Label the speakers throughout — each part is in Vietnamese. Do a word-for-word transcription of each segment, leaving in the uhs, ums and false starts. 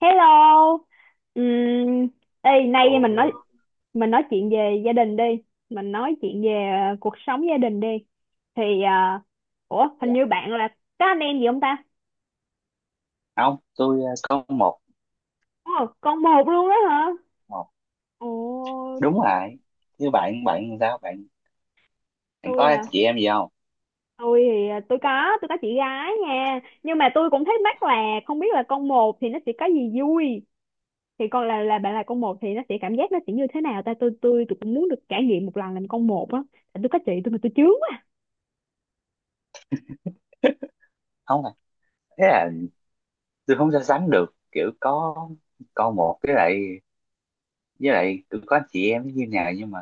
Speaker 1: Hello. Ừm, ê, nay
Speaker 2: Ôi,
Speaker 1: mình nói mình nói chuyện về gia đình đi. Mình nói chuyện về ờ, cuộc sống gia đình đi. Thì à, ủa, Hình
Speaker 2: dạ.
Speaker 1: như bạn là có anh em gì không ta?
Speaker 2: không tôi ờ, Có một
Speaker 1: Ồ, con một luôn đó hả?
Speaker 2: một
Speaker 1: Ồ,
Speaker 2: đúng rồi. Như bạn bạn sao bạn Bạn
Speaker 1: tôi
Speaker 2: có
Speaker 1: à,
Speaker 2: chị em gì không?
Speaker 1: tôi thì à, tôi có, tôi có chị gái nha. Nhưng mà tôi cũng thắc mắc là không biết là con một thì nó sẽ có gì vui. Thì còn là là bạn là con một thì nó sẽ cảm giác nó sẽ như thế nào ta? Tôi tôi tôi cũng muốn được trải nghiệm một lần làm con một á. Tại tôi có chị tôi mà tôi chướng quá.
Speaker 2: Không à. Thế là tôi không so sánh được, kiểu có con một với lại với lại tôi có anh chị em như nào. Nhưng mà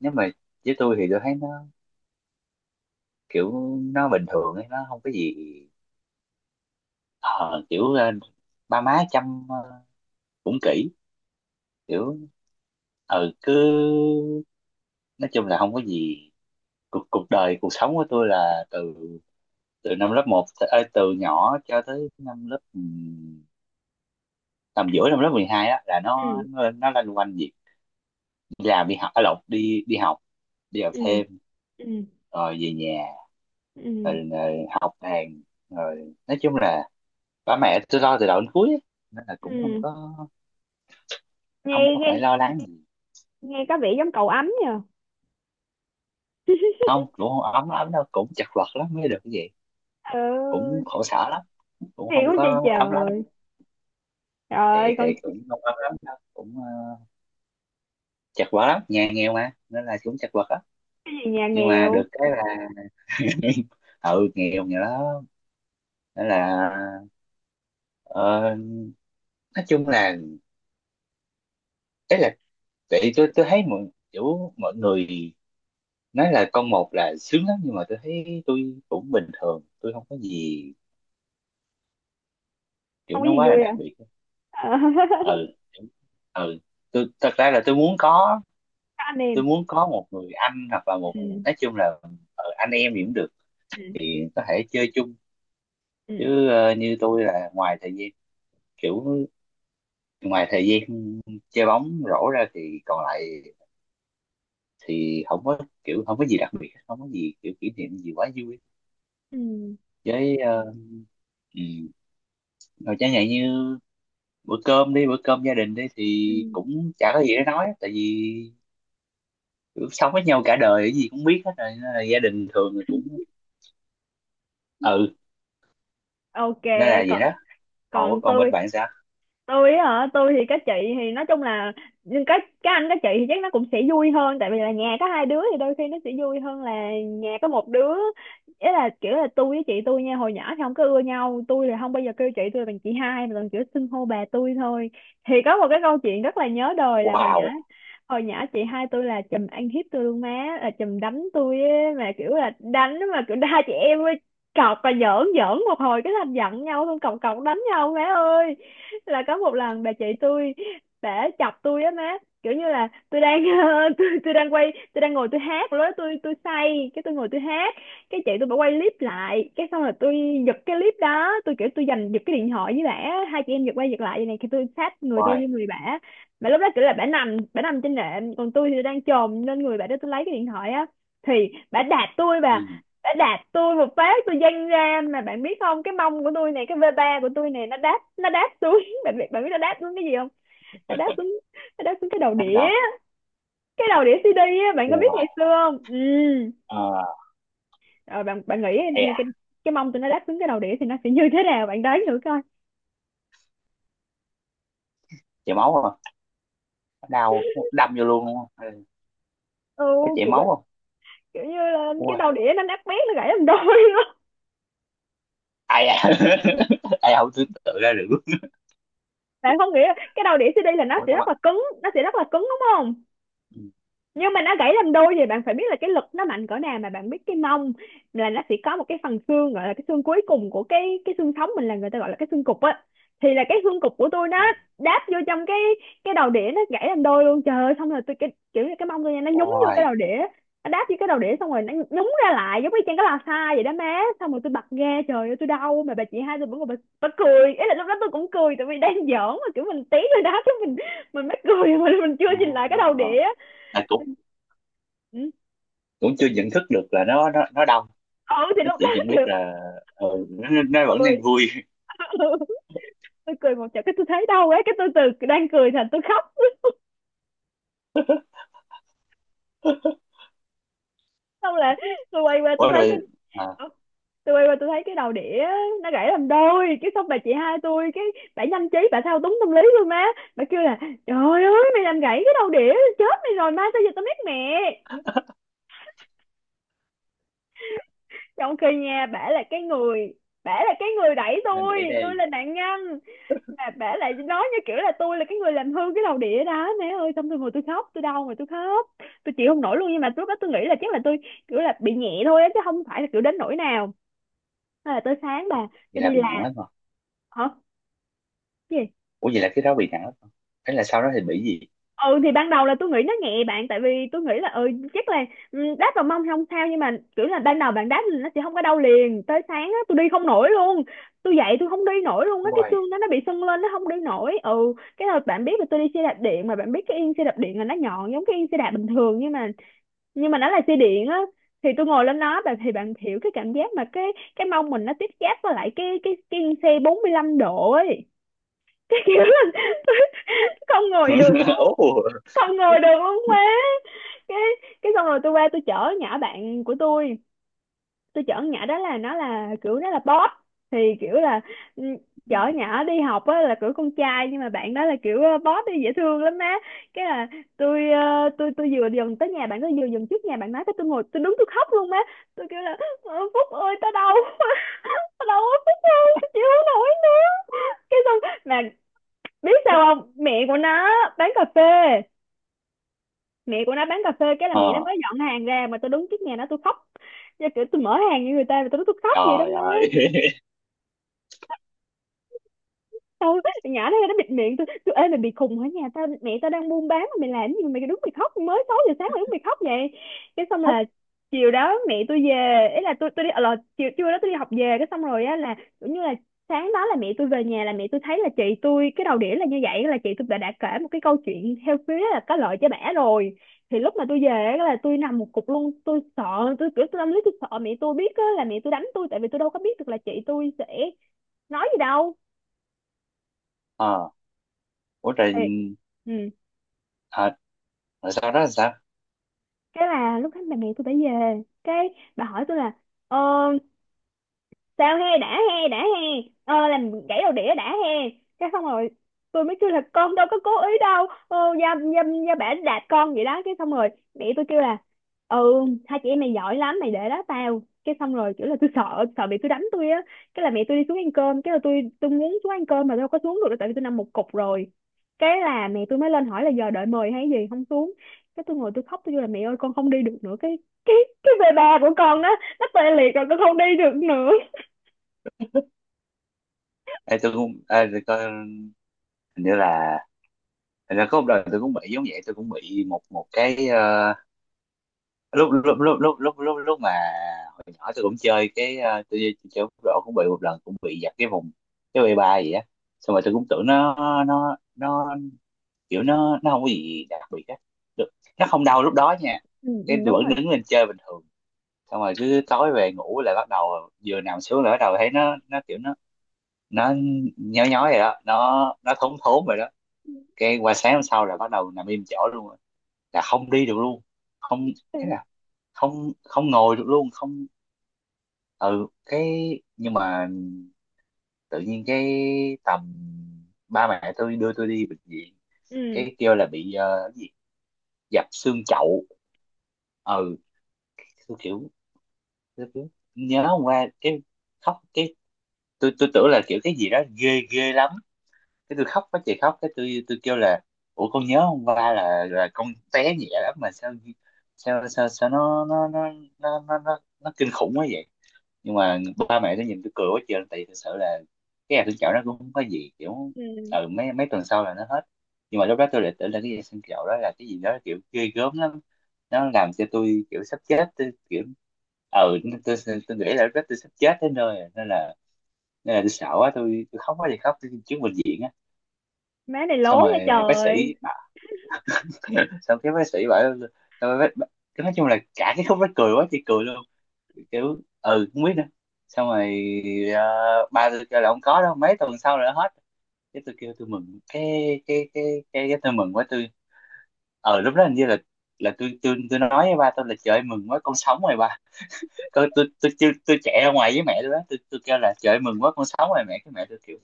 Speaker 2: nếu mà với tôi thì tôi thấy nó kiểu nó bình thường ấy, nó không có gì. ờ, kiểu ờ, Ba má chăm ờ, cũng kỹ, kiểu, ừ, cứ nói chung là không có gì. Cuộc cuộc đời cuộc sống của tôi là từ từ năm lớp một, ơi, từ nhỏ cho tới năm lớp ừm, tầm giữa năm lớp mười hai á, là nó
Speaker 1: Ừ,
Speaker 2: nó, nó loanh quanh việc đi làm đi học, ở lộn đi đi học, đi học
Speaker 1: ừ,
Speaker 2: thêm,
Speaker 1: ừ,
Speaker 2: rồi về nhà,
Speaker 1: ừ,
Speaker 2: rồi, rồi học đàn, rồi nói chung là ba mẹ tôi lo từ đầu đến cuối á. Nên là cũng không
Speaker 1: ừ,
Speaker 2: có,
Speaker 1: nghe
Speaker 2: không có
Speaker 1: nghe
Speaker 2: phải lo lắng gì.
Speaker 1: nghe có vẻ giống cậu ấm nhờ.
Speaker 2: Không, cũng không ấm lắm đâu, cũng chật vật lắm mới được cái gì, cũng
Speaker 1: Ừ,
Speaker 2: khổ sở lắm, cũng
Speaker 1: hiểu
Speaker 2: không
Speaker 1: chứ, trời
Speaker 2: có ấm lắm.
Speaker 1: trời
Speaker 2: thì
Speaker 1: ơi
Speaker 2: thì
Speaker 1: con.
Speaker 2: cũng không ấm lắm đâu, cũng ờ, chật vật lắm, nhà nghèo mà, nên là cũng chật vật.
Speaker 1: Cái gì nhà
Speaker 2: Nhưng mà được
Speaker 1: nghèo,
Speaker 2: cái là ừ, nghèo, nghèo lắm. Nên là, ờ, nói chung là, đấy là, tại tôi tôi thấy mọi kiểu mọi người nói là con một là sướng lắm, nhưng mà tôi thấy tôi cũng bình thường, tôi không có gì kiểu
Speaker 1: không có
Speaker 2: nó
Speaker 1: gì
Speaker 2: quá là
Speaker 1: vui à?
Speaker 2: đặc biệt.
Speaker 1: Ờ,
Speaker 2: Ừ, ừ. tôi thật ra là tôi muốn có
Speaker 1: có anh em,
Speaker 2: Tôi muốn có một người anh hoặc là một người,
Speaker 1: ừ,
Speaker 2: nói chung là ờ, anh em gì cũng được,
Speaker 1: ừ,
Speaker 2: thì có thể chơi chung.
Speaker 1: ừ,
Speaker 2: Chứ ờ, như tôi là ngoài thời gian kiểu ngoài thời gian chơi bóng rổ ra thì còn lại thì không có kiểu không có gì đặc biệt, không có gì kiểu kỷ niệm gì quá vui. Với uh, ừ. Rồi chẳng hạn như bữa cơm đi bữa cơm gia đình đi
Speaker 1: ừ,
Speaker 2: thì cũng chả có gì để nói, tại vì kiểu sống với nhau cả đời cái gì cũng biết hết rồi, nên là gia đình thường là cũng,
Speaker 1: ừ.
Speaker 2: ừ,
Speaker 1: Ok,
Speaker 2: nên là vậy
Speaker 1: còn
Speaker 2: đó. Còn,
Speaker 1: còn
Speaker 2: còn
Speaker 1: tôi
Speaker 2: bên bạn sao?
Speaker 1: tôi á hả? Tôi thì các chị, thì nói chung là, nhưng các các anh các chị thì chắc nó cũng sẽ vui hơn tại vì là nhà có hai đứa thì đôi khi nó sẽ vui hơn là nhà có một đứa. Ý là kiểu là tôi với chị tôi nha, hồi nhỏ thì không có ưa nhau, tôi là không bao giờ kêu chị tôi là bằng chị hai mà toàn kiểu xưng hô bà tôi thôi. Thì có một cái câu chuyện rất là nhớ đời là hồi nhỏ
Speaker 2: Wow,
Speaker 1: hồi nhỏ chị hai tôi là chùm ăn hiếp tôi luôn má, là chùm đánh tôi á, mà kiểu là đánh mà kiểu hai chị em cọc và giỡn giỡn một hồi cái thành giận nhau xong cọc cọc đánh nhau má ơi. Là có một lần bà chị tôi đã chọc tôi á má, kiểu như là tôi đang tôi, tôi đang quay, tôi đang ngồi tôi hát, lúc đó tôi tôi say cái tôi ngồi tôi hát, cái chị tôi bà quay clip lại, cái xong rồi tôi giật cái clip đó, tôi kiểu tôi giành giật cái điện thoại với bả, hai chị em giật quay giật lại vậy này thì tôi sát người tôi
Speaker 2: wow,
Speaker 1: với người bả. Mà lúc đó kiểu là bả nằm, bả nằm trên nệm còn tôi thì đang chồm lên người bả để tôi lấy cái điện thoại á. Thì bả đạp tôi, bà
Speaker 2: ừ,
Speaker 1: đã đạp tôi một phát tôi văng ra, mà bạn biết không, cái mông của tôi này, cái vê ba của tôi này, nó đáp, nó đáp xuống bạn biết bạn biết nó đáp xuống cái gì không? Nó đáp xuống nó đáp xuống cái đầu
Speaker 2: bắt
Speaker 1: đĩa,
Speaker 2: đầu,
Speaker 1: cái đầu đĩa xê đê á, bạn có biết
Speaker 2: wow.
Speaker 1: ngày xưa không? Ừ,
Speaker 2: Ờ,
Speaker 1: rồi bạn bạn nghĩ
Speaker 2: ê,
Speaker 1: thì
Speaker 2: à,
Speaker 1: cái cái mông tụi nó đáp xuống cái đầu đĩa thì nó sẽ như thế nào, bạn đoán thử coi.
Speaker 2: chảy máu không? Đau, đâm vô luôn đúng không? Ừ.
Speaker 1: Ừ,
Speaker 2: Có chảy
Speaker 1: kiểu,
Speaker 2: máu không?
Speaker 1: kiểu như là cái đầu đĩa nó nát bét, nó gãy làm đôi luôn
Speaker 2: Ai ai ai không tưởng tượng ra được.
Speaker 1: bạn không nghĩ cái đầu đĩa xi đi là nó
Speaker 2: Ủa
Speaker 1: sẽ
Speaker 2: sao mà,
Speaker 1: rất là cứng, nó sẽ rất là cứng đúng không,
Speaker 2: ừ.
Speaker 1: nhưng mà nó gãy làm đôi thì bạn phải biết là cái lực nó mạnh cỡ nào. Mà bạn biết cái mông là nó sẽ có một cái phần xương gọi là cái xương cuối cùng của cái cái xương sống mình là người ta gọi là cái xương cụt á. Thì là cái xương cụt của tôi nó đáp vô trong cái cái đầu đĩa, nó gãy làm đôi luôn trời ơi. Xong rồi tôi, cái kiểu như cái mông tôi nha, nó nhúng vô
Speaker 2: Ôi,
Speaker 1: cái đầu đĩa, nó đáp vô cái đầu đĩa xong rồi nó nhúng ra lại giống như trên cái lò xo vậy đó má. Xong rồi tôi bật ra trời ơi tôi đau, mà bà chị hai tôi vẫn còn bà, bà cười. Ý là lúc đó tôi cũng cười tại vì đang giỡn mà, kiểu mình tí rồi đá chứ mình mình mới cười mà mình chưa nhìn lại cái đầu
Speaker 2: oh.
Speaker 1: đĩa.
Speaker 2: Là cũng
Speaker 1: Ừ,
Speaker 2: cũng chưa nhận thức được là nó nó nó đông,
Speaker 1: ừ, thì
Speaker 2: nó
Speaker 1: lúc đó
Speaker 2: chỉ nhận biết
Speaker 1: kiểu
Speaker 2: là, ờ, nó, nó nó vẫn
Speaker 1: cười.
Speaker 2: đang vui.
Speaker 1: ừ, tôi cười một trận cái tôi thấy đau quá, cái tôi từ đang cười thành tôi khóc. Xong là tôi quay qua tôi
Speaker 2: Ủa
Speaker 1: thấy cái
Speaker 2: rồi, à,
Speaker 1: ờ, tôi quay qua tôi thấy cái đầu đĩa nó gãy làm đôi. Cái xong bà chị hai tôi cái bà nhanh trí, bà thao túng tâm lý luôn má. Bà kêu là trời ơi mày làm gãy cái đầu đĩa, chết mày rồi, mai sao giờ tao biết mẹ, trong khi nha bả là cái người, bả là cái người đẩy
Speaker 2: nên để
Speaker 1: tôi tôi
Speaker 2: đây.
Speaker 1: là nạn nhân mà bả lại nói như kiểu là tôi là cái người làm hư cái lầu đĩa đó mẹ ơi. Xong tôi ngồi tôi khóc, tôi đau mà tôi khóc, tôi chịu không nổi luôn. Nhưng mà lúc đó tôi nghĩ là chắc là tôi kiểu là bị nhẹ thôi á chứ không phải là kiểu đến nỗi nào. Thế là tới sáng bà
Speaker 2: Vậy
Speaker 1: tôi
Speaker 2: là
Speaker 1: đi
Speaker 2: bị nặng
Speaker 1: làm.
Speaker 2: lắm rồi.
Speaker 1: Hả? Gì?
Speaker 2: Ủa vậy là cái đó bị nặng lắm rồi, thế là sau đó thì bị gì?
Speaker 1: Ừ, thì ban đầu là tôi nghĩ nó nhẹ bạn, tại vì tôi nghĩ là ừ, chắc là, ừ, đáp vào mông thì không sao, nhưng mà kiểu là ban đầu bạn đáp là nó sẽ không có đau liền, tới sáng á tôi đi không nổi luôn. Tôi dậy tôi không đi nổi luôn á, cái
Speaker 2: Ôi.
Speaker 1: xương đó nó bị sưng lên, nó không đi nổi. Ừ, cái rồi bạn biết là tôi đi xe đạp điện mà, bạn biết cái yên xe đạp điện là nó nhọn giống cái yên xe đạp bình thường, nhưng mà nhưng mà nó là xe điện á, thì tôi ngồi lên nó bạn, thì bạn hiểu cái cảm giác mà cái cái mông mình nó tiếp giáp với lại cái cái cái yên xe bốn mươi lăm độ ấy cái kiểu là không ngồi được luôn,
Speaker 2: Ủa,
Speaker 1: không ngồi được luôn má. Cái cái xong rồi tôi qua tôi chở nhỏ bạn của tôi tôi chở nhỏ đó là nó là kiểu nó là boss. Thì kiểu là, ừ, chở nhỏ đi học á là kiểu con trai nhưng mà bạn đó là kiểu ờ, boss đi dễ thương lắm má. Cái là tôi ờ, tôi tôi vừa dần tới nhà bạn đó, vừa dần trước nhà bạn nói cái tôi ngồi tôi đứng tôi khóc luôn má. Tôi kêu là "Ờ, Phúc ơi tao đau quá, tao đau quá Phúc, tao chịu không nổi nữa". Cái xong, mà biết sao không, mẹ của nó bán cà phê, mẹ của nó bán cà phê cái là mẹ nó
Speaker 2: ờ,
Speaker 1: mới dọn hàng ra mà tôi đứng trước nhà nó tôi khóc. Chứ kiểu tôi mở hàng như người ta mà tôi nói tôi khóc vậy đó.
Speaker 2: trời
Speaker 1: Nó
Speaker 2: ơi.
Speaker 1: tao, nhỏ nó nó bịt miệng tôi tôi ê mày bị khùng hả, nhà tao mẹ tao đang buôn bán mà mày làm gì mà mày đứng mày khóc, mới sáu giờ sáng mày đứng mày khóc vậy. Cái xong là chiều đó mẹ tôi về, ý là tôi tôi đi ờ, là chiều trưa đó tôi đi học về, cái xong rồi á là cũng như là sáng đó là mẹ tôi về nhà là mẹ tôi thấy là chị tôi cái đầu đĩa là như vậy, là chị tôi đã, đã kể một cái câu chuyện theo phía là có lợi cho bả rồi. Thì lúc mà tôi về á là tôi nằm một cục luôn, tôi sợ, tôi kiểu tôi tâm lý tôi sợ mẹ tôi biết á là mẹ tôi đánh tôi, tại vì tôi đâu có biết được là chị tôi sẽ nói gì đâu.
Speaker 2: Ờ, ủa rồi,
Speaker 1: Thì ừ.
Speaker 2: à, rồi sau đó là sao?
Speaker 1: Cái là lúc hết bạn bè tôi phải về cái bà hỏi tôi là ờ, sao he đã he đã he ờ, làm gãy đầu đĩa đã he. Cái xong rồi tôi mới kêu là con đâu có cố ý đâu ờ, gia gia gia bả đạp con vậy đó. Cái xong rồi mẹ tôi kêu là ừ hai chị em mày giỏi lắm mày để đó tao. Cái xong rồi kiểu là tôi sợ, sợ bị tôi đánh tôi á. Cái là mẹ tôi đi xuống ăn cơm, cái là tôi tôi muốn xuống ăn cơm mà tôi đâu có xuống được đâu, tại vì tôi nằm một cục rồi. Cái là mẹ tôi mới lên hỏi là giờ đợi mời hay gì không xuống, cái tôi ngồi tôi khóc tôi kêu là mẹ ơi con không đi được nữa, cái cái cái về bà của con đó nó tê liệt rồi con không đi được nữa.
Speaker 2: Ê, tôi cũng ê, tôi coi hình như là, thành ra có một đời tôi cũng bị giống vậy, tôi cũng bị một một cái, ờ, lúc lúc lúc lúc lúc lúc lúc mà hồi nhỏ tôi cũng chơi cái, ờ, tôi chơi bóng rổ cũng bị một lần, cũng bị giật cái vùng cái bay ba gì á. Xong rồi tôi cũng tưởng nó nó nó kiểu nó nó không có gì đặc biệt á, được, nó không đau lúc đó nha.
Speaker 1: Ừ, ừ,
Speaker 2: Cái tôi
Speaker 1: đúng
Speaker 2: vẫn
Speaker 1: rồi.
Speaker 2: đứng lên chơi bình thường, xong rồi cứ tối về ngủ lại, bắt đầu vừa nằm xuống là bắt đầu thấy nó nó kiểu nó nó nhói nhói rồi đó, nó nó thốn thốn rồi đó. Cái qua sáng hôm sau là bắt đầu nằm im chỗ luôn, là không đi được luôn, không, thế
Speaker 1: Ừ,
Speaker 2: là không, không ngồi được luôn, không, ừ. Cái nhưng mà tự nhiên cái tầm ba mẹ tôi đưa tôi đi bệnh viện,
Speaker 1: ừ.
Speaker 2: cái kêu là bị, ờ, cái gì, dập xương chậu, ừ. tôi kiểu tôi kiểu nhớ hôm qua, cái khóc, cái tôi tôi tưởng là kiểu cái gì đó ghê ghê lắm. Cái tôi khóc quá chị, khóc cái tôi tôi kêu là, ủa con nhớ hôm qua là là con té nhẹ lắm, mà sao sao sao sao nó nó nó nó nó nó, nó kinh khủng quá vậy. Nhưng mà ba mẹ nó nhìn tôi cười quá trời, tại vì thực sự là cái hạt thương chậu nó cũng không có gì kiểu,
Speaker 1: Ừ.
Speaker 2: ừ, mấy mấy tuần sau là nó hết. Nhưng mà lúc đó tôi lại tưởng là cái hạt thương chậu đó là cái gì đó kiểu ghê gớm lắm, nó làm cho tôi kiểu sắp chết, tôi kiểu, ừ, tôi, tôi, tôi nghĩ là lúc đó tôi sắp chết đến nơi rồi. Nên là, nên là tôi sợ quá, tôi, tôi khóc quá thì khóc tôi trước bệnh viện á.
Speaker 1: Má này lố
Speaker 2: Xong
Speaker 1: nha
Speaker 2: rồi bác
Speaker 1: trời.
Speaker 2: sĩ bảo- xong cái bác sĩ bảo, xong rồi bác, bác, cái nói chung là cả cái khúc đó cười quá chị cười luôn, kiểu ừ không biết nữa. Xong rồi ờ, ba tôi kêu là không có đâu, mấy tuần sau là nó hết. Cái tôi kêu tôi mừng cái, cái cái cái, cái tôi mừng quá tôi, ờ lúc đó hình như là là tôi tôi tôi nói với ba tôi là, trời ơi, mừng quá con sống rồi ba. Tôi tôi tôi tôi, tôi chạy ra ngoài với mẹ tôi đó, tôi tôi kêu là trời ơi, mừng quá con sống rồi mẹ. Cái mẹ tôi kiểu,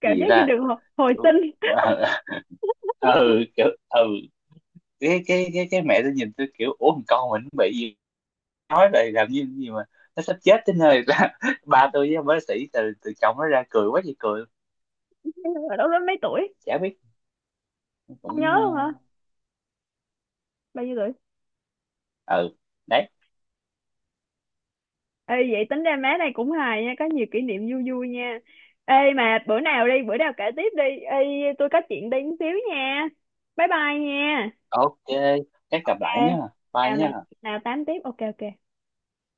Speaker 1: Cảm
Speaker 2: gì
Speaker 1: giác như
Speaker 2: ra,
Speaker 1: được hồi, hồi
Speaker 2: kiểu,
Speaker 1: sinh.
Speaker 2: ừ kiểu ừ, cái cái cái cái mẹ tôi nhìn tôi kiểu ủa thằng con mình nó bị gì, nói vậy làm như gì mà nó sắp chết đến nơi ra. Ba tôi với ông bác sĩ từ từ chồng nó ra cười quá chị cười.
Speaker 1: Ở đó mấy tuổi,
Speaker 2: Chả biết,
Speaker 1: không nhớ luôn hả,
Speaker 2: cũng,
Speaker 1: bao nhiêu tuổi?
Speaker 2: ờ, ừ, đấy.
Speaker 1: Ê vậy tính ra má này cũng hài nha, có nhiều kỷ niệm vui vui nha. Ê mà bữa nào đi bữa nào kể tiếp đi ê, tôi có chuyện đi một xíu nha, bye bye nha.
Speaker 2: Ok, chắc gặp lại
Speaker 1: Ê
Speaker 2: nhá, bye
Speaker 1: nào
Speaker 2: nhá.
Speaker 1: nào nào tám tiếp, ok ok.